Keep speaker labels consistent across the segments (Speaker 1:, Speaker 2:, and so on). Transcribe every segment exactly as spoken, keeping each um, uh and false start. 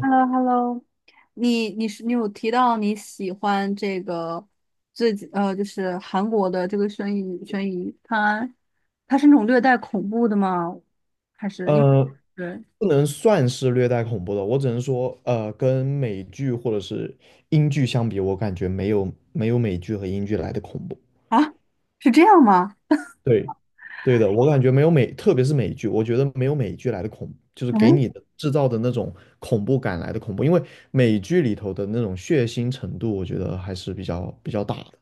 Speaker 1: h e l l o h e l l o。 你你是你有提到你喜欢这个最近呃，就是韩国的这个悬疑悬疑探案，它是那种略带恐怖的吗？还是因为
Speaker 2: 呃，
Speaker 1: 对
Speaker 2: 不能算是略带恐怖的，我只能说，呃，跟美剧或者是英剧相比，我感觉没有没有美剧和英剧来的恐怖。
Speaker 1: 啊，是这样吗？
Speaker 2: 对，对的，我感觉没有美，特别是美剧，我觉得没有美剧来的恐怖就是给
Speaker 1: 嗯。
Speaker 2: 你的制造的那种恐怖感来的恐怖，因为美剧里头的那种血腥程度，我觉得还是比较比较大的。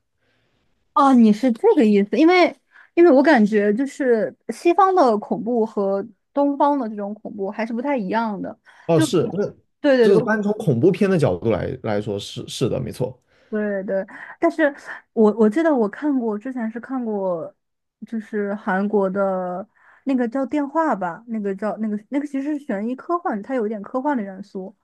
Speaker 1: 哦，你是这个意思，因为因为我感觉就是西方的恐怖和东方的这种恐怖还是不太一样的，
Speaker 2: 哦，
Speaker 1: 就
Speaker 2: 是，那
Speaker 1: 对对
Speaker 2: 就
Speaker 1: 对，
Speaker 2: 是
Speaker 1: 我。
Speaker 2: 单从恐怖片的角度来来说，是是的，没错。
Speaker 1: 对对，但是我我记得我看过，之前是看过，就是韩国的那个叫电话吧，那个叫那个那个其实是悬疑科幻，它有一点科幻的元素，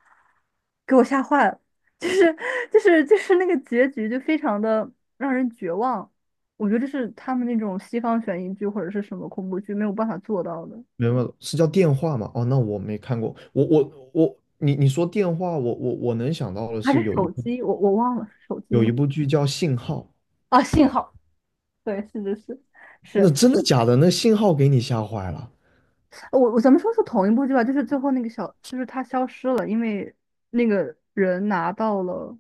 Speaker 1: 给我吓坏了，就是就是就是那个结局就非常的让人绝望，我觉得这是他们那种西方悬疑剧或者是什么恐怖剧没有办法做到的，
Speaker 2: 明白了，是叫电话吗？哦，那我没看过。我我我，你你说电话，我我我能想到的
Speaker 1: 还是
Speaker 2: 是有一
Speaker 1: 手
Speaker 2: 部
Speaker 1: 机，我我忘了是手机
Speaker 2: 有
Speaker 1: 吗？
Speaker 2: 一部剧叫《信号》，
Speaker 1: 啊，信号，对，是是是
Speaker 2: 那
Speaker 1: 是，
Speaker 2: 真的假的？那信号给你吓坏了。
Speaker 1: 我我咱们说是同一部剧吧，就是最后那个小，就是他消失了，因为那个人拿到了，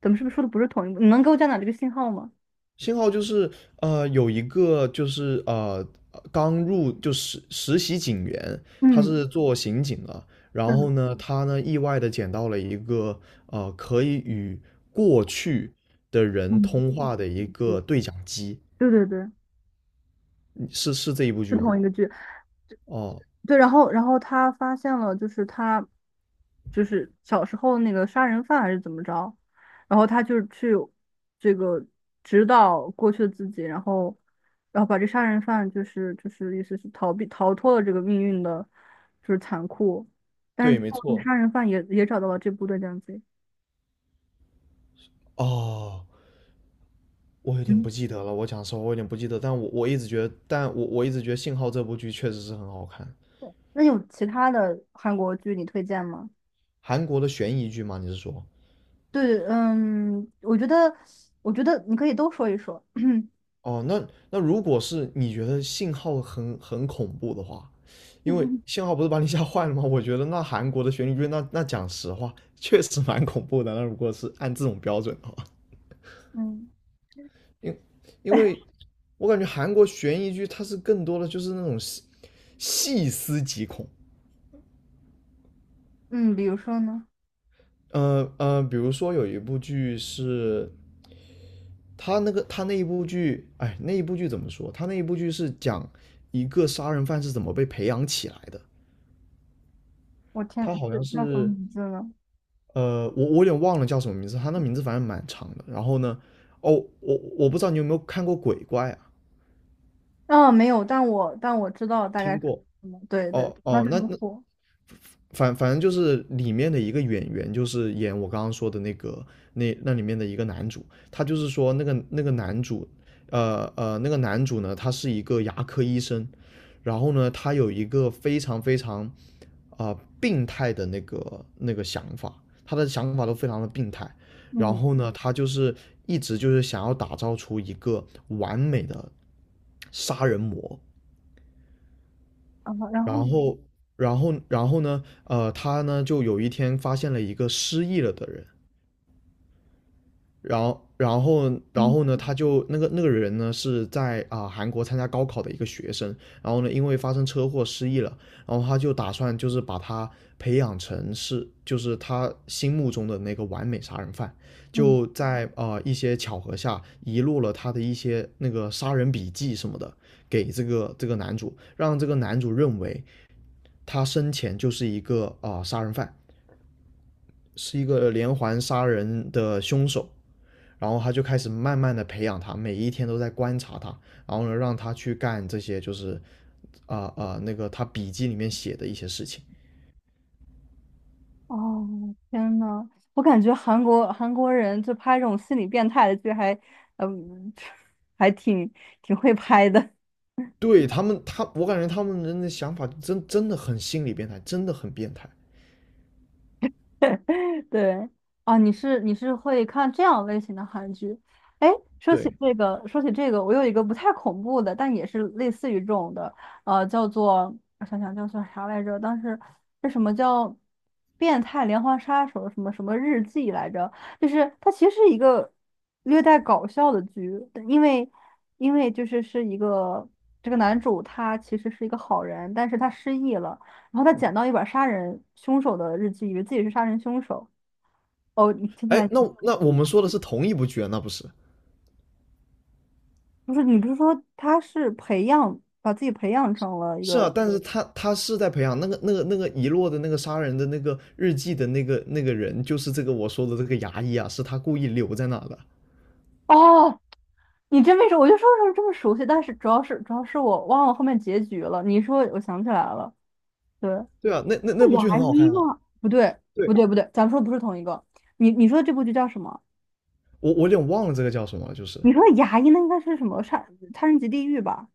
Speaker 1: 咱们是不是说的不是同一部？你能给我讲讲这个信号吗？
Speaker 2: 信号就是呃，有一个就是呃刚入就实实习警员，他
Speaker 1: 嗯，
Speaker 2: 是做刑警的，然
Speaker 1: 对，
Speaker 2: 后呢，他呢意外的捡到了一个呃可以与过去的人
Speaker 1: 嗯，
Speaker 2: 通话的一个对讲机，
Speaker 1: 对对对，
Speaker 2: 嗯，是是这一部
Speaker 1: 是
Speaker 2: 剧吗？
Speaker 1: 同一个剧。
Speaker 2: 哦，
Speaker 1: 对，然后然后他发现了，就是他就是小时候那个杀人犯还是怎么着，然后他就去这个指导过去的自己，然后然后把这杀人犯就是就是意思是逃避逃脱了这个命运的，就是残酷，但
Speaker 2: 对，
Speaker 1: 是最
Speaker 2: 没
Speaker 1: 后
Speaker 2: 错。
Speaker 1: 杀人犯也也找到了这部队这样子。
Speaker 2: 哦，我有点
Speaker 1: 嗯，
Speaker 2: 不记得了，我讲实话，我有点不记得，但我我一直觉得，但我我一直觉得《信号》这部剧确实是很好看，
Speaker 1: 对，那有其他的韩国剧你推荐吗？
Speaker 2: 韩国的悬疑剧吗？你是说？
Speaker 1: 对，嗯，我觉得我觉得你可以都说一说。嗯。
Speaker 2: 哦，那那如果是你觉得《信号》很很恐怖的话，因为 《信号》不是把你吓坏了吗？我觉得那韩国的悬疑剧，那那讲实话，确实蛮恐怖的。那如果是按这种标准的话，
Speaker 1: 嗯，
Speaker 2: 因因 为我感觉韩国悬疑剧它是更多的就是那种细细思极恐。
Speaker 1: 嗯，比如说呢？
Speaker 2: 呃呃，比如说有一部剧是他那个他那一部剧，哎，那一部剧怎么说？他那一部剧是讲一个杀人犯是怎么被培养起来的。
Speaker 1: 我天，
Speaker 2: 他好
Speaker 1: 这
Speaker 2: 像
Speaker 1: 叫什么
Speaker 2: 是
Speaker 1: 名字呢？
Speaker 2: 呃，我我有点忘了叫什么名字，他那名字反正蛮长的。然后呢，哦，我我不知道你有没有看过《鬼怪》啊？
Speaker 1: 啊，没有，但我但我知道大概
Speaker 2: 听
Speaker 1: 是
Speaker 2: 过？
Speaker 1: 什么。对对，
Speaker 2: 哦
Speaker 1: 他
Speaker 2: 哦，
Speaker 1: 是
Speaker 2: 那
Speaker 1: 很
Speaker 2: 那
Speaker 1: 火。
Speaker 2: 反反正就是里面的一个演员，就是演我刚刚说的那个那那里面的一个男主，他就是说那个那个男主，呃呃，那个男主呢，他是一个牙科医生，然后呢，他有一个非常非常啊、呃病态的那个那个想法，他的想法都非常的病态，然
Speaker 1: 嗯，
Speaker 2: 后呢，他就是一直就是想要打造出一个完美的杀人魔，
Speaker 1: 啊，然后
Speaker 2: 然后，然后，然后呢？呃，他呢就有一天发现了一个失忆了的人，然后，然后，然后
Speaker 1: 嗯
Speaker 2: 呢，他就那个那个人呢是在啊、韩国参加高考的一个学生，然后呢因为发生车祸失忆了，然后他就打算就是把他培养成是就是他心目中的那个完美杀人犯，
Speaker 1: 嗯，
Speaker 2: 就在啊一些巧合下遗落了他的一些那个杀人笔记什么的给这个这个男主，让这个男主认为。他生前就是一个啊、呃杀人犯，是一个连环杀人的凶手。然后他就开始慢慢的培养他，每一天都在观察他，然后呢，让他去干这些就是啊啊、呃呃那个他笔记里面写的一些事情。
Speaker 1: 哦，天呐，我感觉韩国韩国人就拍这种心理变态的剧还，嗯，还挺挺会拍的。
Speaker 2: 对他们，他我感觉他们人的想法真真的很心理变态，真的很变态。
Speaker 1: 对，啊，你是你是会看这样类型的韩剧？哎，说起
Speaker 2: 对，
Speaker 1: 这个，说起这个，我有一个不太恐怖的，但也是类似于这种的，呃，叫做我想想叫做啥来着？当时是什么叫变态连环杀手什么什么日记来着？就是它其实是一个略带搞笑的剧，但因为因为就是是一个这个男主他其实是一个好人，但是他失忆了。然后他捡到一本杀人凶手的日记，以为自己是杀人凶手，哦，你听起
Speaker 2: 哎，
Speaker 1: 来
Speaker 2: 那那我们说的是同一部剧啊，那不是？
Speaker 1: 不是你不是说他是培养把自己培养成了一
Speaker 2: 是啊，
Speaker 1: 个。
Speaker 2: 但是他他是在培养那个那个那个遗落的那个杀人的那个日记的那个那个人，就是这个我说的这个牙医啊，是他故意留在那的。
Speaker 1: 哦，你真没说，我就说为什么这么熟悉，但是主要是主要是我忘了后面结局了。你一说，我想起来了，对，
Speaker 2: 对啊，那那那
Speaker 1: 是
Speaker 2: 部剧
Speaker 1: 牙
Speaker 2: 很好
Speaker 1: 医
Speaker 2: 看啊。
Speaker 1: 吗？不对，不
Speaker 2: 对，
Speaker 1: 对，不对，咱们说的不是同一个。你你说的这部剧叫什么？
Speaker 2: 我我有点忘了这个叫什么，就是
Speaker 1: 你说的牙医那应该是什么杀杀人及地狱吧？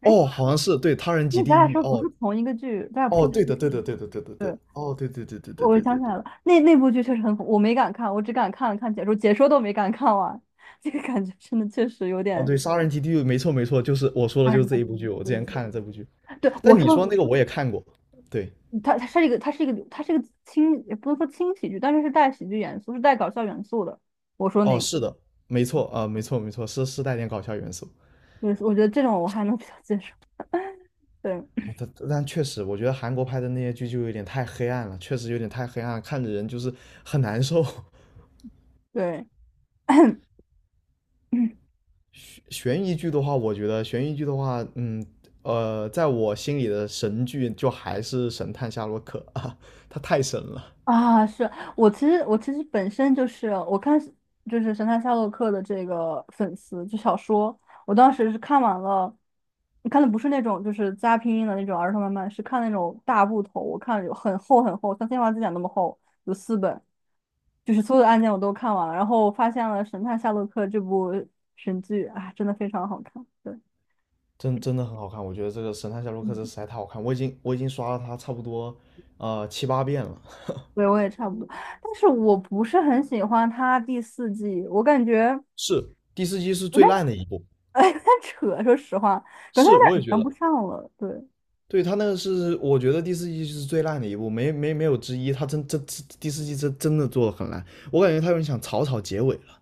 Speaker 1: 哎，
Speaker 2: 哦，好像是对他人及
Speaker 1: 那咱
Speaker 2: 地
Speaker 1: 俩
Speaker 2: 狱
Speaker 1: 说的不
Speaker 2: 哦
Speaker 1: 是同一个剧，咱俩不
Speaker 2: 哦，
Speaker 1: 说的是
Speaker 2: 对
Speaker 1: 同
Speaker 2: 的对
Speaker 1: 一个
Speaker 2: 的
Speaker 1: 剧。
Speaker 2: 对的对的对的
Speaker 1: 对。
Speaker 2: 哦对对对对对
Speaker 1: 我
Speaker 2: 对对
Speaker 1: 想
Speaker 2: 对
Speaker 1: 起来了，那那部剧确实很恐，我没敢看，我只敢看了看解说，解说都没敢看完，这个感觉真的确实有
Speaker 2: 哦
Speaker 1: 点。
Speaker 2: 对，杀人及地狱没错没错，就是我说的
Speaker 1: 哎
Speaker 2: 就是这一部剧，我
Speaker 1: 对
Speaker 2: 之前
Speaker 1: 对对，
Speaker 2: 看了这部剧，
Speaker 1: 对
Speaker 2: 但
Speaker 1: 我
Speaker 2: 你说
Speaker 1: 说，
Speaker 2: 那个我也看过，对
Speaker 1: 它它是一个，它是一个，它是一个轻，也不能说轻喜剧，但是是带喜剧元素，是带搞笑元素的。我说
Speaker 2: 哦
Speaker 1: 那个，
Speaker 2: 是的，没错啊、没错没错，是是带点搞笑元素。
Speaker 1: 就是我觉得这种我还能比较接受。对
Speaker 2: 我的，但确实，我觉得韩国拍的那些剧就有点太黑暗了，确实有点太黑暗了看着人就是很难受。
Speaker 1: 对，
Speaker 2: 悬悬疑剧的话，我觉得悬疑剧的话，嗯，呃，在我心里的神剧就还是《神探夏洛克》啊，它太神了，
Speaker 1: 啊，是我其实我其实本身就是我看就是《神探夏洛克》的这个粉丝，就小说，我当时是看完了，看的不是那种就是加拼音的那种儿童漫漫，是看那种大部头，我看了有很厚很厚，像新华字典那么厚，有四本，就是所有的案件我都看完了，然后我发现了《神探夏洛克》这部神剧，啊，真的非常好看，对。
Speaker 2: 真真的很好看。我觉得这个《神探夏洛克》这
Speaker 1: 嗯，
Speaker 2: 实在太好看，我已经我已经刷了它差不多呃七八遍了。
Speaker 1: 对，我也差不多，但是我不是很喜欢他第四季，我感觉。
Speaker 2: 是第四季是
Speaker 1: 我
Speaker 2: 最 烂的一部，
Speaker 1: 哎，有点扯，说实话，感觉他
Speaker 2: 是我
Speaker 1: 有
Speaker 2: 也
Speaker 1: 点
Speaker 2: 觉
Speaker 1: 圆
Speaker 2: 得。
Speaker 1: 不上了。对，
Speaker 2: 对，他那个是我觉得第四季是最烂的一部，没没没有之一。他真真第四季真真的做的很烂，我感觉他有点想草草结尾了。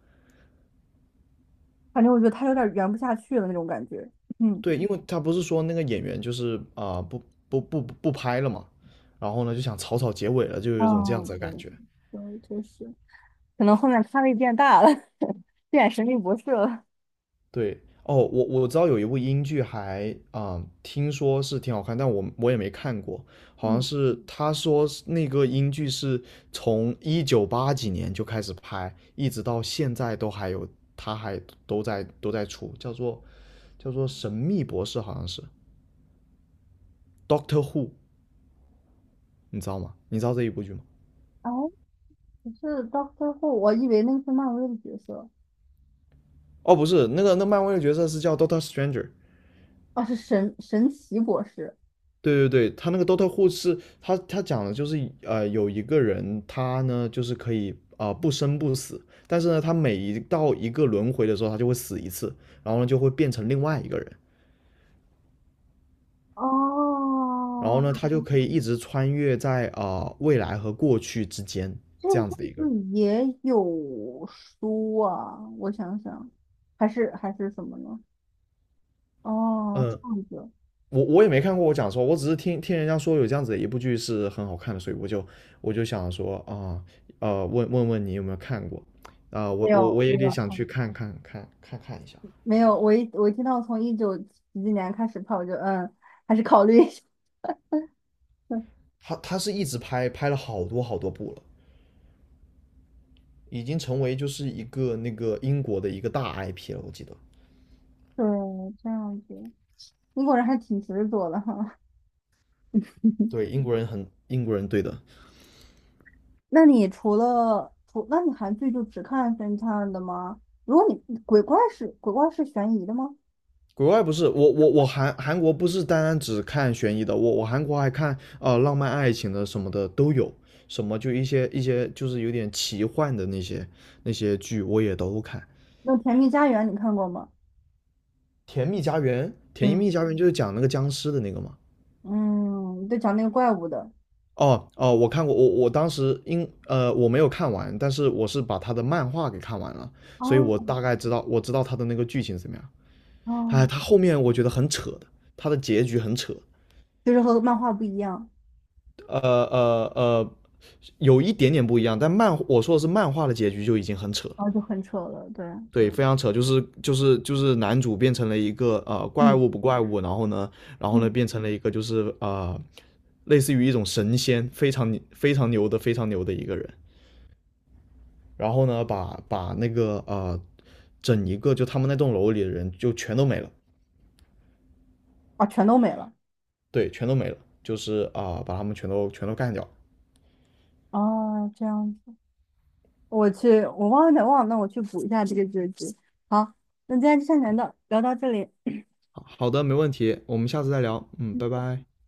Speaker 1: 反正我觉得他有点圆不下去了那种感觉。嗯，
Speaker 2: 对，因为他不是说那个演员就是啊、不不不不拍了嘛，然后呢就想草草结尾了，就有
Speaker 1: 啊，
Speaker 2: 一种这样子的
Speaker 1: 对，
Speaker 2: 感觉。
Speaker 1: 对，确实。可能后面咖位变大了，变神秘博士了。
Speaker 2: 对，哦，我我知道有一部英剧还啊、听说是挺好看，但我我也没看过，好像
Speaker 1: 嗯，
Speaker 2: 是他说是那个英剧是从一九八几年就开始拍，一直到现在都还有，他还都在都在出，叫做叫做《神秘博士》，好像是 Doctor Who，你知道吗？你知道这一部剧吗？
Speaker 1: 哎，可是到最后，我以为那个是漫威的角色。
Speaker 2: 哦，不是，那个那漫威的角色是叫 Doctor Stranger，
Speaker 1: 哦，是神神奇博士。
Speaker 2: 对对对，他那个 Dota 护是，他他讲的就是呃，有一个人，他呢就是可以啊、呃不生不死，但是呢，他每一到一个轮回的时候，他就会死一次，然后呢就会变成另外一个人，然后
Speaker 1: 哦，
Speaker 2: 呢他就可以一直穿越在啊、呃未来和过去之间
Speaker 1: 这个
Speaker 2: 这样子
Speaker 1: 上
Speaker 2: 的一个
Speaker 1: 次
Speaker 2: 人。
Speaker 1: 也有书啊，我想想，还是还是什么呢？哦，这
Speaker 2: 嗯，
Speaker 1: 样子。
Speaker 2: 我我也没看过，我讲说，我只是听听人家说有这样子的一部剧是很好看的，所以我就我就想说啊呃呃问问问你有没有看过啊、呃
Speaker 1: 没
Speaker 2: 我我
Speaker 1: 有
Speaker 2: 我
Speaker 1: 没
Speaker 2: 也
Speaker 1: 有。
Speaker 2: 得想
Speaker 1: 嗯，
Speaker 2: 去看看看看看一下。
Speaker 1: 没有，我一我一听到从一九几几年开始跑我就嗯，还是考虑一下。
Speaker 2: 他他是一直拍，拍了好多好多部了，已经成为就是一个那个英国的一个大 I P 了，我记得。
Speaker 1: 对，这样子，英国人还挺执着的哈。
Speaker 2: 对，英国人很英国人，对的。
Speaker 1: 那你除了除，那你韩剧就只看侦探的吗？如果你鬼怪是鬼怪是悬疑的吗？
Speaker 2: 国外不是我我我韩韩国不是单单只看悬疑的，我我韩国还看呃浪漫爱情的什么的都有，什么就一些一些就是有点奇幻的那些那些剧我也都看。
Speaker 1: 那《甜蜜家园》你看过吗？
Speaker 2: 甜蜜家园，甜
Speaker 1: 嗯
Speaker 2: 蜜家园就是讲那个僵尸的那个嘛。
Speaker 1: 嗯，就讲那个怪物的。
Speaker 2: 哦哦，我看过，我我当时因呃我没有看完，但是我是把他的漫画给看完了，所以我
Speaker 1: 哦
Speaker 2: 大概知道我知道他的那个剧情是怎么样。
Speaker 1: 哦，
Speaker 2: 哎，他后面我觉得很扯的，他的结局很扯，
Speaker 1: 就是和漫画不一样，
Speaker 2: 呃呃呃，有一点点不一样，但漫我说的是漫画的结局就已经很扯了，
Speaker 1: 然后就很扯了。对，
Speaker 2: 对，非常扯，就是就是就是男主变成了一个呃怪
Speaker 1: 嗯
Speaker 2: 物不怪物，然后呢，然后
Speaker 1: 嗯，
Speaker 2: 呢变成了一个就是呃类似于一种神仙，非常非常牛的非常牛的一个人。然后呢，把把那个呃整一个就他们那栋楼里的人就全都没了，
Speaker 1: 啊，全都没了。
Speaker 2: 对，全都没了，就是啊、呃把他们全都全都干掉。
Speaker 1: 哦，这样子。我去，我忘了，忘了，那我去补一下这个知识。好，那今天就先聊到聊到这里。
Speaker 2: 好好的，没问题，我们下次再聊，嗯，拜拜。